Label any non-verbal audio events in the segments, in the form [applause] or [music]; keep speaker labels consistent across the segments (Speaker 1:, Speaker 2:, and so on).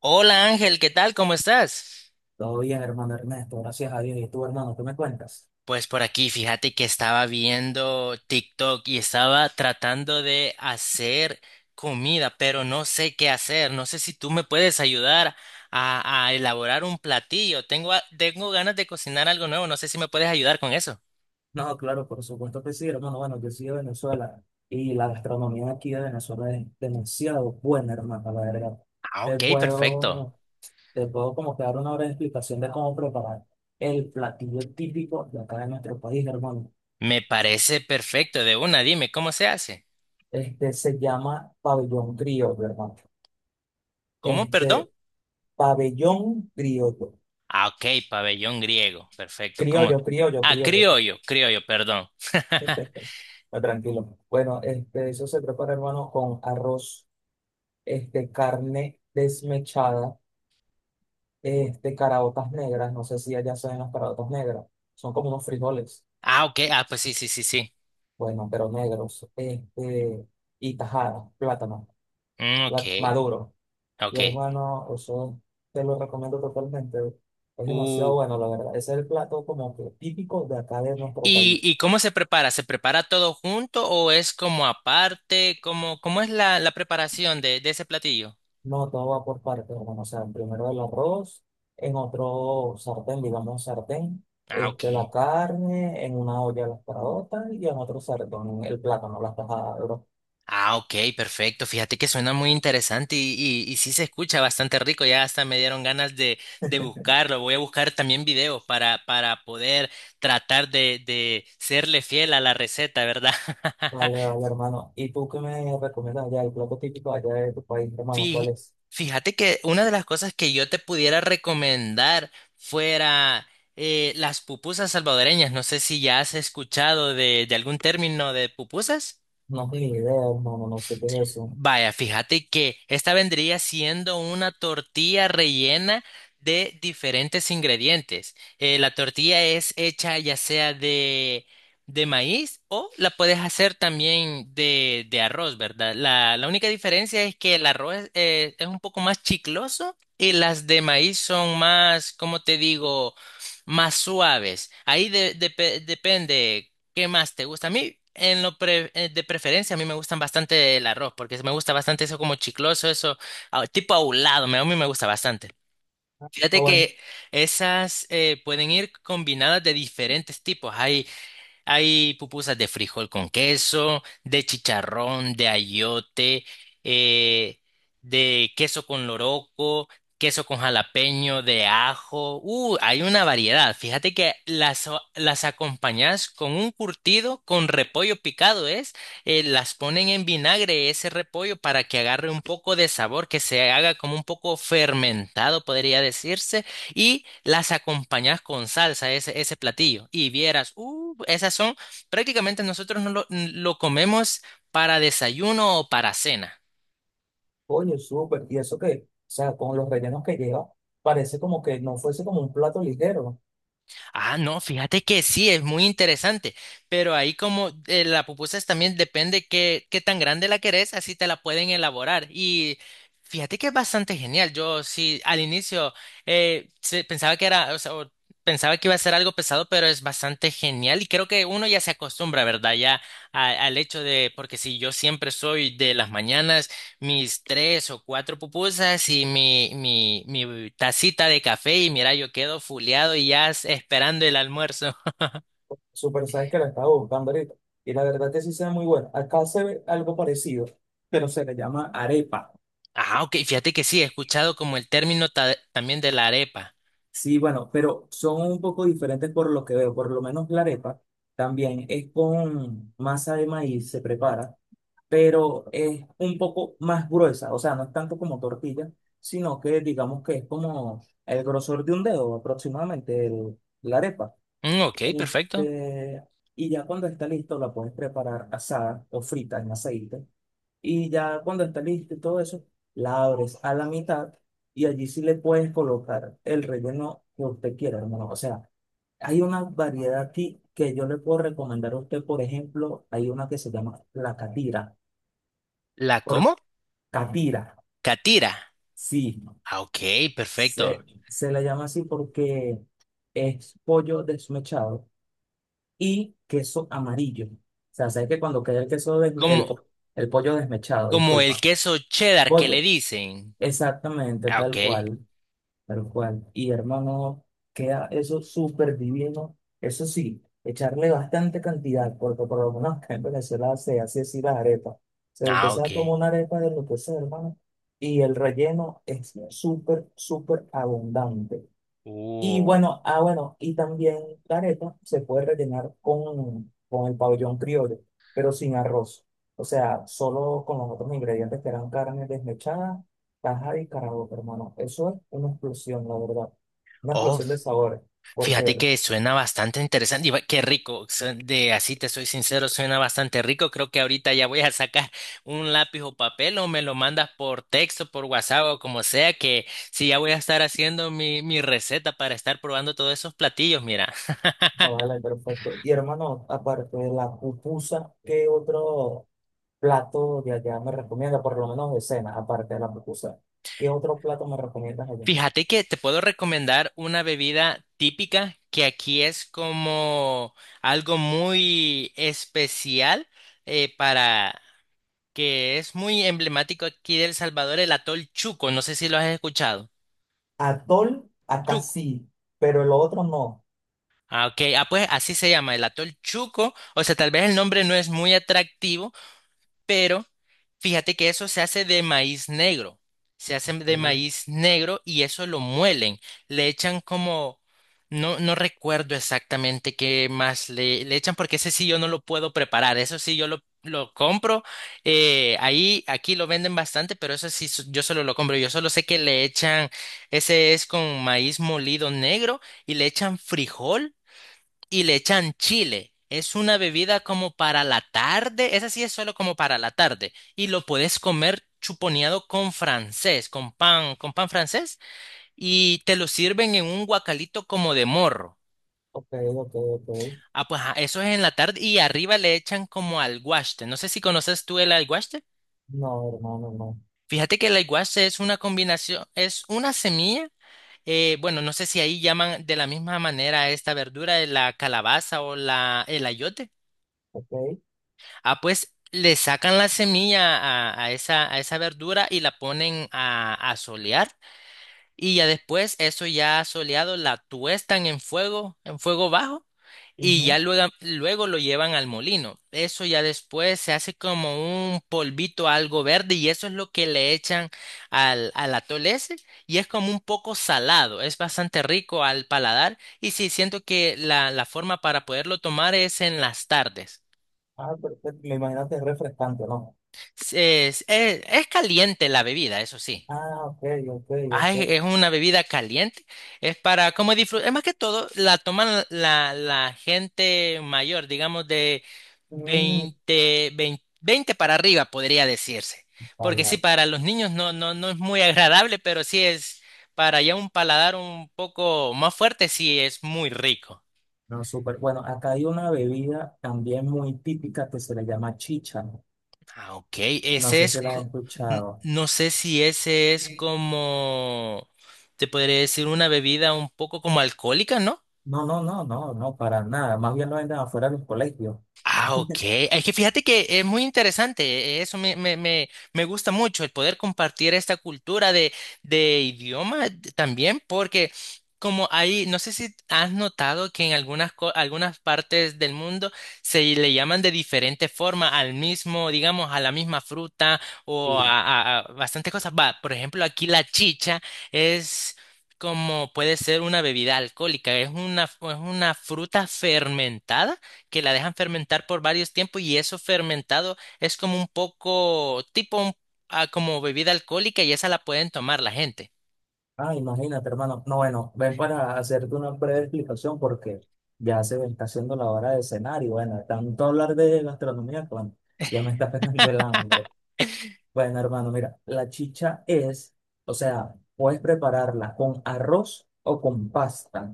Speaker 1: Hola Ángel, ¿qué tal? ¿Cómo estás?
Speaker 2: Todo bien, hermano Ernesto, gracias a Dios. ¿Y tú, hermano, qué me cuentas?
Speaker 1: Pues por aquí, fíjate que estaba viendo TikTok y estaba tratando de hacer comida, pero no sé qué hacer. No sé si tú me puedes ayudar a elaborar un platillo. Tengo, tengo ganas de cocinar algo nuevo. No sé si me puedes ayudar con eso.
Speaker 2: No, claro, por supuesto que sí, hermano. Bueno, yo soy de Venezuela y la gastronomía aquí de Venezuela es demasiado buena, hermano, la verdad.
Speaker 1: Ah,
Speaker 2: Te
Speaker 1: ok, perfecto.
Speaker 2: puedo, te puedo como que dar una breve explicación de cómo preparar el platillo típico de acá de nuestro país, hermano.
Speaker 1: Me parece perfecto. De una, dime, ¿cómo se hace?
Speaker 2: Este se llama pabellón criollo, hermano.
Speaker 1: ¿Cómo,
Speaker 2: Este,
Speaker 1: perdón?
Speaker 2: pabellón criollo.
Speaker 1: Ah, ok, pabellón griego. Perfecto. ¿Cómo?
Speaker 2: Criollo, criollo,
Speaker 1: Ah,
Speaker 2: criollo.
Speaker 1: criollo, criollo, perdón. [laughs]
Speaker 2: Perfecto. Ah, tranquilo. Bueno, eso se prepara, hermano, con arroz, carne desmechada, caraotas negras. No sé si allá se ven las caraotas negras. Son como unos frijoles,
Speaker 1: Ah, ok. Ah, pues sí, sí, sí, sí.
Speaker 2: bueno, pero negros. Y tajadas plátano,
Speaker 1: Mm, ok,
Speaker 2: maduro. Y
Speaker 1: ok.
Speaker 2: hermano, eso te lo recomiendo totalmente. Es demasiado
Speaker 1: Uh,
Speaker 2: bueno, la verdad. Ese es el plato como que típico de acá de nuestro
Speaker 1: ¿y,
Speaker 2: país.
Speaker 1: y cómo se prepara? ¿Se prepara todo junto o es como aparte? ¿Cómo, cómo es la preparación de ese platillo?
Speaker 2: No, todo va por partes, hermano. O sea, primero el arroz, en otro sartén, digamos sartén,
Speaker 1: Ah,
Speaker 2: la
Speaker 1: ok.
Speaker 2: carne, en una olla las carotas y en otro sartén el plátano, las tajadas, bro.
Speaker 1: Ah, ok, perfecto. Fíjate que suena muy interesante y sí se escucha bastante rico. Ya hasta me dieron ganas de buscarlo. Voy a buscar también videos para poder tratar de serle fiel a la receta, ¿verdad?
Speaker 2: Vale,
Speaker 1: [laughs]
Speaker 2: vale, hermano. ¿Y tú qué me recomiendas allá? El plato típico allá de tu país, hermano, ¿cuál
Speaker 1: Fí-
Speaker 2: es?
Speaker 1: Fíjate que una de las cosas que yo te pudiera recomendar fuera las pupusas salvadoreñas. No sé si ya has escuchado de algún término de pupusas.
Speaker 2: No tengo ni idea, hermano, no sé qué es eso.
Speaker 1: Vaya, fíjate que esta vendría siendo una tortilla rellena de diferentes ingredientes. La tortilla es hecha ya sea de maíz o la puedes hacer también de arroz, ¿verdad? La única diferencia es que el arroz es un poco más chicloso y las de maíz son más, ¿cómo te digo? Más suaves. Ahí depende. ¿Qué más te gusta? A mí, en de preferencia, a mí me gustan bastante el arroz, porque me gusta bastante eso como chicloso, eso ah, tipo ahulado, a mí me gusta bastante.
Speaker 2: No,
Speaker 1: Fíjate
Speaker 2: bueno,
Speaker 1: que esas pueden ir combinadas de diferentes tipos. Hay pupusas de frijol con queso, de chicharrón, de ayote, eh, de queso con loroco, queso con jalapeño, de ajo. Hay una variedad. Fíjate que las acompañas con un curtido, con repollo picado, ¿es? Las ponen en vinagre ese repollo para que agarre un poco de sabor, que se haga como un poco fermentado, podría decirse, y las acompañas con salsa, ese platillo. Y vieras, esas son, prácticamente nosotros no lo comemos para desayuno o para cena.
Speaker 2: oye, súper. ¿Y eso qué? O sea, con los rellenos que lleva, parece como que no fuese como un plato ligero.
Speaker 1: Ah, no, fíjate que sí, es muy interesante, pero ahí como la pupusa es también depende qué, qué tan grande la querés, así te la pueden elaborar. Y fíjate que es bastante genial. Yo sí, al inicio pensaba que era, o sea, o pensaba que iba a ser algo pesado, pero es bastante genial y creo que uno ya se acostumbra, ¿verdad? Ya al hecho de, porque si yo siempre soy de las mañanas mis tres o cuatro pupusas y mi tacita de café y mira, yo quedo fuleado y ya esperando el almuerzo. [laughs]
Speaker 2: Súper, sabes que la estaba buscando ahorita. Y la verdad que sí se ve muy buena. Acá se ve algo parecido, pero se le llama arepa.
Speaker 1: Ah, ok, fíjate que sí, he escuchado como el término también de la arepa.
Speaker 2: Sí, bueno, pero son un poco diferentes por lo que veo. Por lo menos la arepa también es con masa de maíz, se prepara, pero es un poco más gruesa. O sea, no es tanto como tortilla, sino que digamos que es como el grosor de un dedo aproximadamente, la arepa.
Speaker 1: Mm, ok, perfecto.
Speaker 2: Este, y ya cuando está listo, la puedes preparar asada o frita en aceite. Y ya cuando está listo y todo eso, la abres a la mitad y allí sí le puedes colocar el relleno que usted quiera, hermano. O sea, hay una variedad aquí que yo le puedo recomendar a usted. Por ejemplo, hay una que se llama la catira.
Speaker 1: ¿La
Speaker 2: Por
Speaker 1: cómo?
Speaker 2: catira,
Speaker 1: Catira.
Speaker 2: sí.
Speaker 1: Ah, ok, perfecto.
Speaker 2: Se la llama así porque es pollo desmechado y queso amarillo. O sea, sabes que cuando queda el queso,
Speaker 1: Como,
Speaker 2: el pollo desmechado,
Speaker 1: como el
Speaker 2: disculpa.
Speaker 1: queso cheddar que le
Speaker 2: Pollo.
Speaker 1: dicen.
Speaker 2: Exactamente,
Speaker 1: Ah,
Speaker 2: tal
Speaker 1: ok.
Speaker 2: cual. Tal cual. Y hermano, queda eso súper divino. Eso sí, echarle bastante cantidad, porque por lo menos acá en Venezuela se hace así las arepas. Se
Speaker 1: Ah, ok.
Speaker 2: empieza como una arepa de lo que sea, hermano. Y el relleno es súper, súper abundante. Y
Speaker 1: Uh.
Speaker 2: bueno, ah, bueno, y también la arepa se puede rellenar con el pabellón criollo, pero sin arroz. O sea, solo con los otros ingredientes que eran carne desmechada, tajada y caraota, hermano. Eso es una explosión, la verdad. Una
Speaker 1: Oh,
Speaker 2: explosión de sabores,
Speaker 1: fíjate
Speaker 2: porque,
Speaker 1: que suena bastante interesante y qué rico. De así te soy sincero, suena bastante rico. Creo que ahorita ya voy a sacar [laughs] un lápiz o papel o me lo mandas por texto, por WhatsApp o como sea, que sí, ya voy a estar haciendo mi receta para estar probando todos esos platillos. Mira,
Speaker 2: no, vale, perfecto. Y hermano, aparte de la pupusa, ¿qué otro plato de allá me recomienda? Por lo menos de cena, aparte de la pupusa. ¿Qué otro plato me recomiendas allá?
Speaker 1: fíjate que te puedo recomendar una bebida típica que aquí es como algo muy especial para que es muy emblemático aquí de El Salvador, el atol Chuco, no sé si lo has escuchado.
Speaker 2: Atol, acá
Speaker 1: Chuco.
Speaker 2: sí, pero el otro no.
Speaker 1: Ah, ok. Ah, pues así se llama, el atol Chuco. O sea, tal vez el nombre no es muy atractivo, pero fíjate que eso se hace de maíz negro. Se hace de
Speaker 2: Ok,
Speaker 1: maíz negro y eso lo muelen. Le echan como, no, no recuerdo exactamente qué más le echan porque ese sí yo no lo puedo preparar. Eso sí yo lo compro. Ahí, aquí lo venden bastante, pero eso sí yo solo lo compro. Yo solo sé que le echan, ese es con maíz molido negro y le echan frijol y le echan chile. Es una bebida como para la tarde, esa sí es solo como para la tarde y lo puedes comer chuponeado con francés, con pan francés y te lo sirven en un guacalito como de morro.
Speaker 2: ok, ok, ok.
Speaker 1: Ah, pues ah, eso es en la tarde y arriba le echan como alguaste. No sé si conoces tú el alguaste.
Speaker 2: No, hermano, no.
Speaker 1: Fíjate que el alguaste es una combinación, es una semilla bueno, no sé si ahí llaman de la misma manera a esta verdura, la calabaza o el ayote.
Speaker 2: Ok.
Speaker 1: Ah, pues le sacan la semilla a esa verdura y la ponen a solear y ya después eso ya soleado la tuestan en fuego bajo y
Speaker 2: Ujú.
Speaker 1: ya luego, luego lo llevan al molino. Eso ya después se hace como un polvito algo verde y eso es lo que le echan al atole ese y es como un poco salado, es bastante rico al paladar y sí, siento que la forma para poderlo tomar es en las tardes.
Speaker 2: Ah, perfecto. Me imagino que es refrescante, ¿no?
Speaker 1: Es, es caliente la bebida, eso sí.
Speaker 2: Ah, ok, ok,
Speaker 1: Ah,
Speaker 2: ok.
Speaker 1: es una bebida caliente. Es para como disfrutar. Es más que todo, la toman la gente mayor, digamos de
Speaker 2: Mm,
Speaker 1: 20 20 20 para arriba, podría decirse.
Speaker 2: vale,
Speaker 1: Porque sí,
Speaker 2: vale.
Speaker 1: para los niños no, no, no es muy agradable, pero sí es para ya un paladar un poco más fuerte, sí es muy rico.
Speaker 2: No, súper. Bueno, acá hay una bebida también muy típica que se le llama chicha.
Speaker 1: Ah, ok.
Speaker 2: No
Speaker 1: Ese
Speaker 2: sé
Speaker 1: es,
Speaker 2: si la has escuchado.
Speaker 1: no sé si ese es como, te podría decir, una bebida un poco como alcohólica, ¿no?
Speaker 2: No, no, no, no, no, para nada. Más bien lo venden afuera de los colegios.
Speaker 1: Ah, ok. Es que fíjate que es muy interesante. Eso me gusta mucho, el poder compartir esta cultura de idioma también, porque como ahí, no sé si has notado que en algunas, algunas partes del mundo se le llaman de diferente forma al mismo, digamos, a la misma fruta o a bastantes cosas. Va, por ejemplo, aquí la chicha es... como puede ser una bebida alcohólica, es una fruta fermentada que la dejan fermentar por varios tiempos y eso fermentado es como un poco tipo ah, como bebida alcohólica y esa la pueden tomar la gente,
Speaker 2: Ah, imagínate, hermano. No, bueno, ven para hacerte una breve explicación porque ya se me está haciendo la hora de cenar y bueno, tanto hablar de gastronomía, que, bueno, ya me está [laughs] pegando el
Speaker 1: [laughs]
Speaker 2: hambre. Bueno, hermano, mira, la chicha es, o sea, puedes prepararla con arroz o con pasta.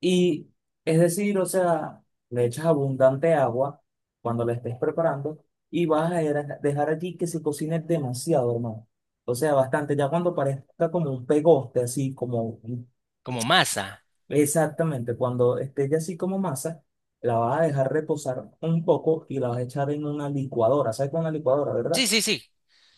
Speaker 2: Y es decir, o sea, le echas abundante agua cuando la estés preparando y vas a dejar allí que se cocine demasiado, hermano. O sea, bastante, ya cuando parezca como un pegoste, así como un-
Speaker 1: como masa.
Speaker 2: exactamente, cuando esté ya así como masa, la vas a dejar reposar un poco y la vas a echar en una licuadora. ¿Sabes con una licuadora,
Speaker 1: Sí,
Speaker 2: verdad?
Speaker 1: sí, sí.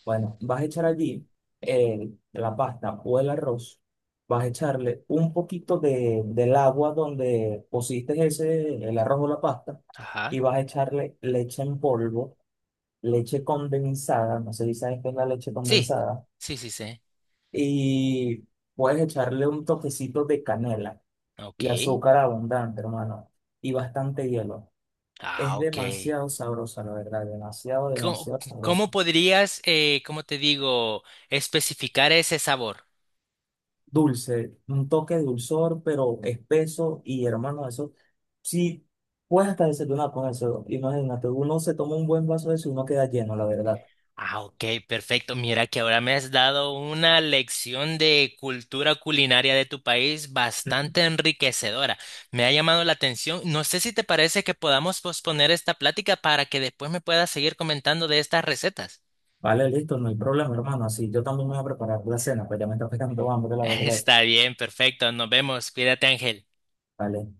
Speaker 2: Bueno, vas a echar allí la pasta o el arroz. Vas a echarle un poquito del agua donde pusiste ese, el arroz o la pasta.
Speaker 1: Ajá.
Speaker 2: Y vas a echarle leche en polvo, leche condensada. No sé si sabes qué es la leche
Speaker 1: Sí,
Speaker 2: condensada.
Speaker 1: sí, sí, sí.
Speaker 2: Y puedes echarle un toquecito de canela y
Speaker 1: Ok.
Speaker 2: azúcar abundante, hermano. Y bastante hielo. Es
Speaker 1: Ah, ok.
Speaker 2: demasiado sabrosa, la verdad. Demasiado,
Speaker 1: ¿Cómo,
Speaker 2: demasiado
Speaker 1: cómo
Speaker 2: sabrosa.
Speaker 1: podrías, cómo te digo, especificar ese sabor?
Speaker 2: Dulce, un toque de dulzor, pero espeso y hermano, eso sí, puedes hasta desayunar con eso. Imagínate, uno se toma un buen vaso de eso y uno queda lleno, la verdad.
Speaker 1: Ah, ok, perfecto. Mira que ahora me has dado una lección de cultura culinaria de tu país bastante enriquecedora. Me ha llamado la atención. No sé si te parece que podamos posponer esta plática para que después me puedas seguir comentando de estas recetas.
Speaker 2: Vale, listo, no hay problema, hermano. Así yo también me voy a preparar la cena, pues ya me está pegando hambre,
Speaker 1: [laughs]
Speaker 2: la verdad.
Speaker 1: Está bien, perfecto. Nos vemos. Cuídate, Ángel.
Speaker 2: Vale.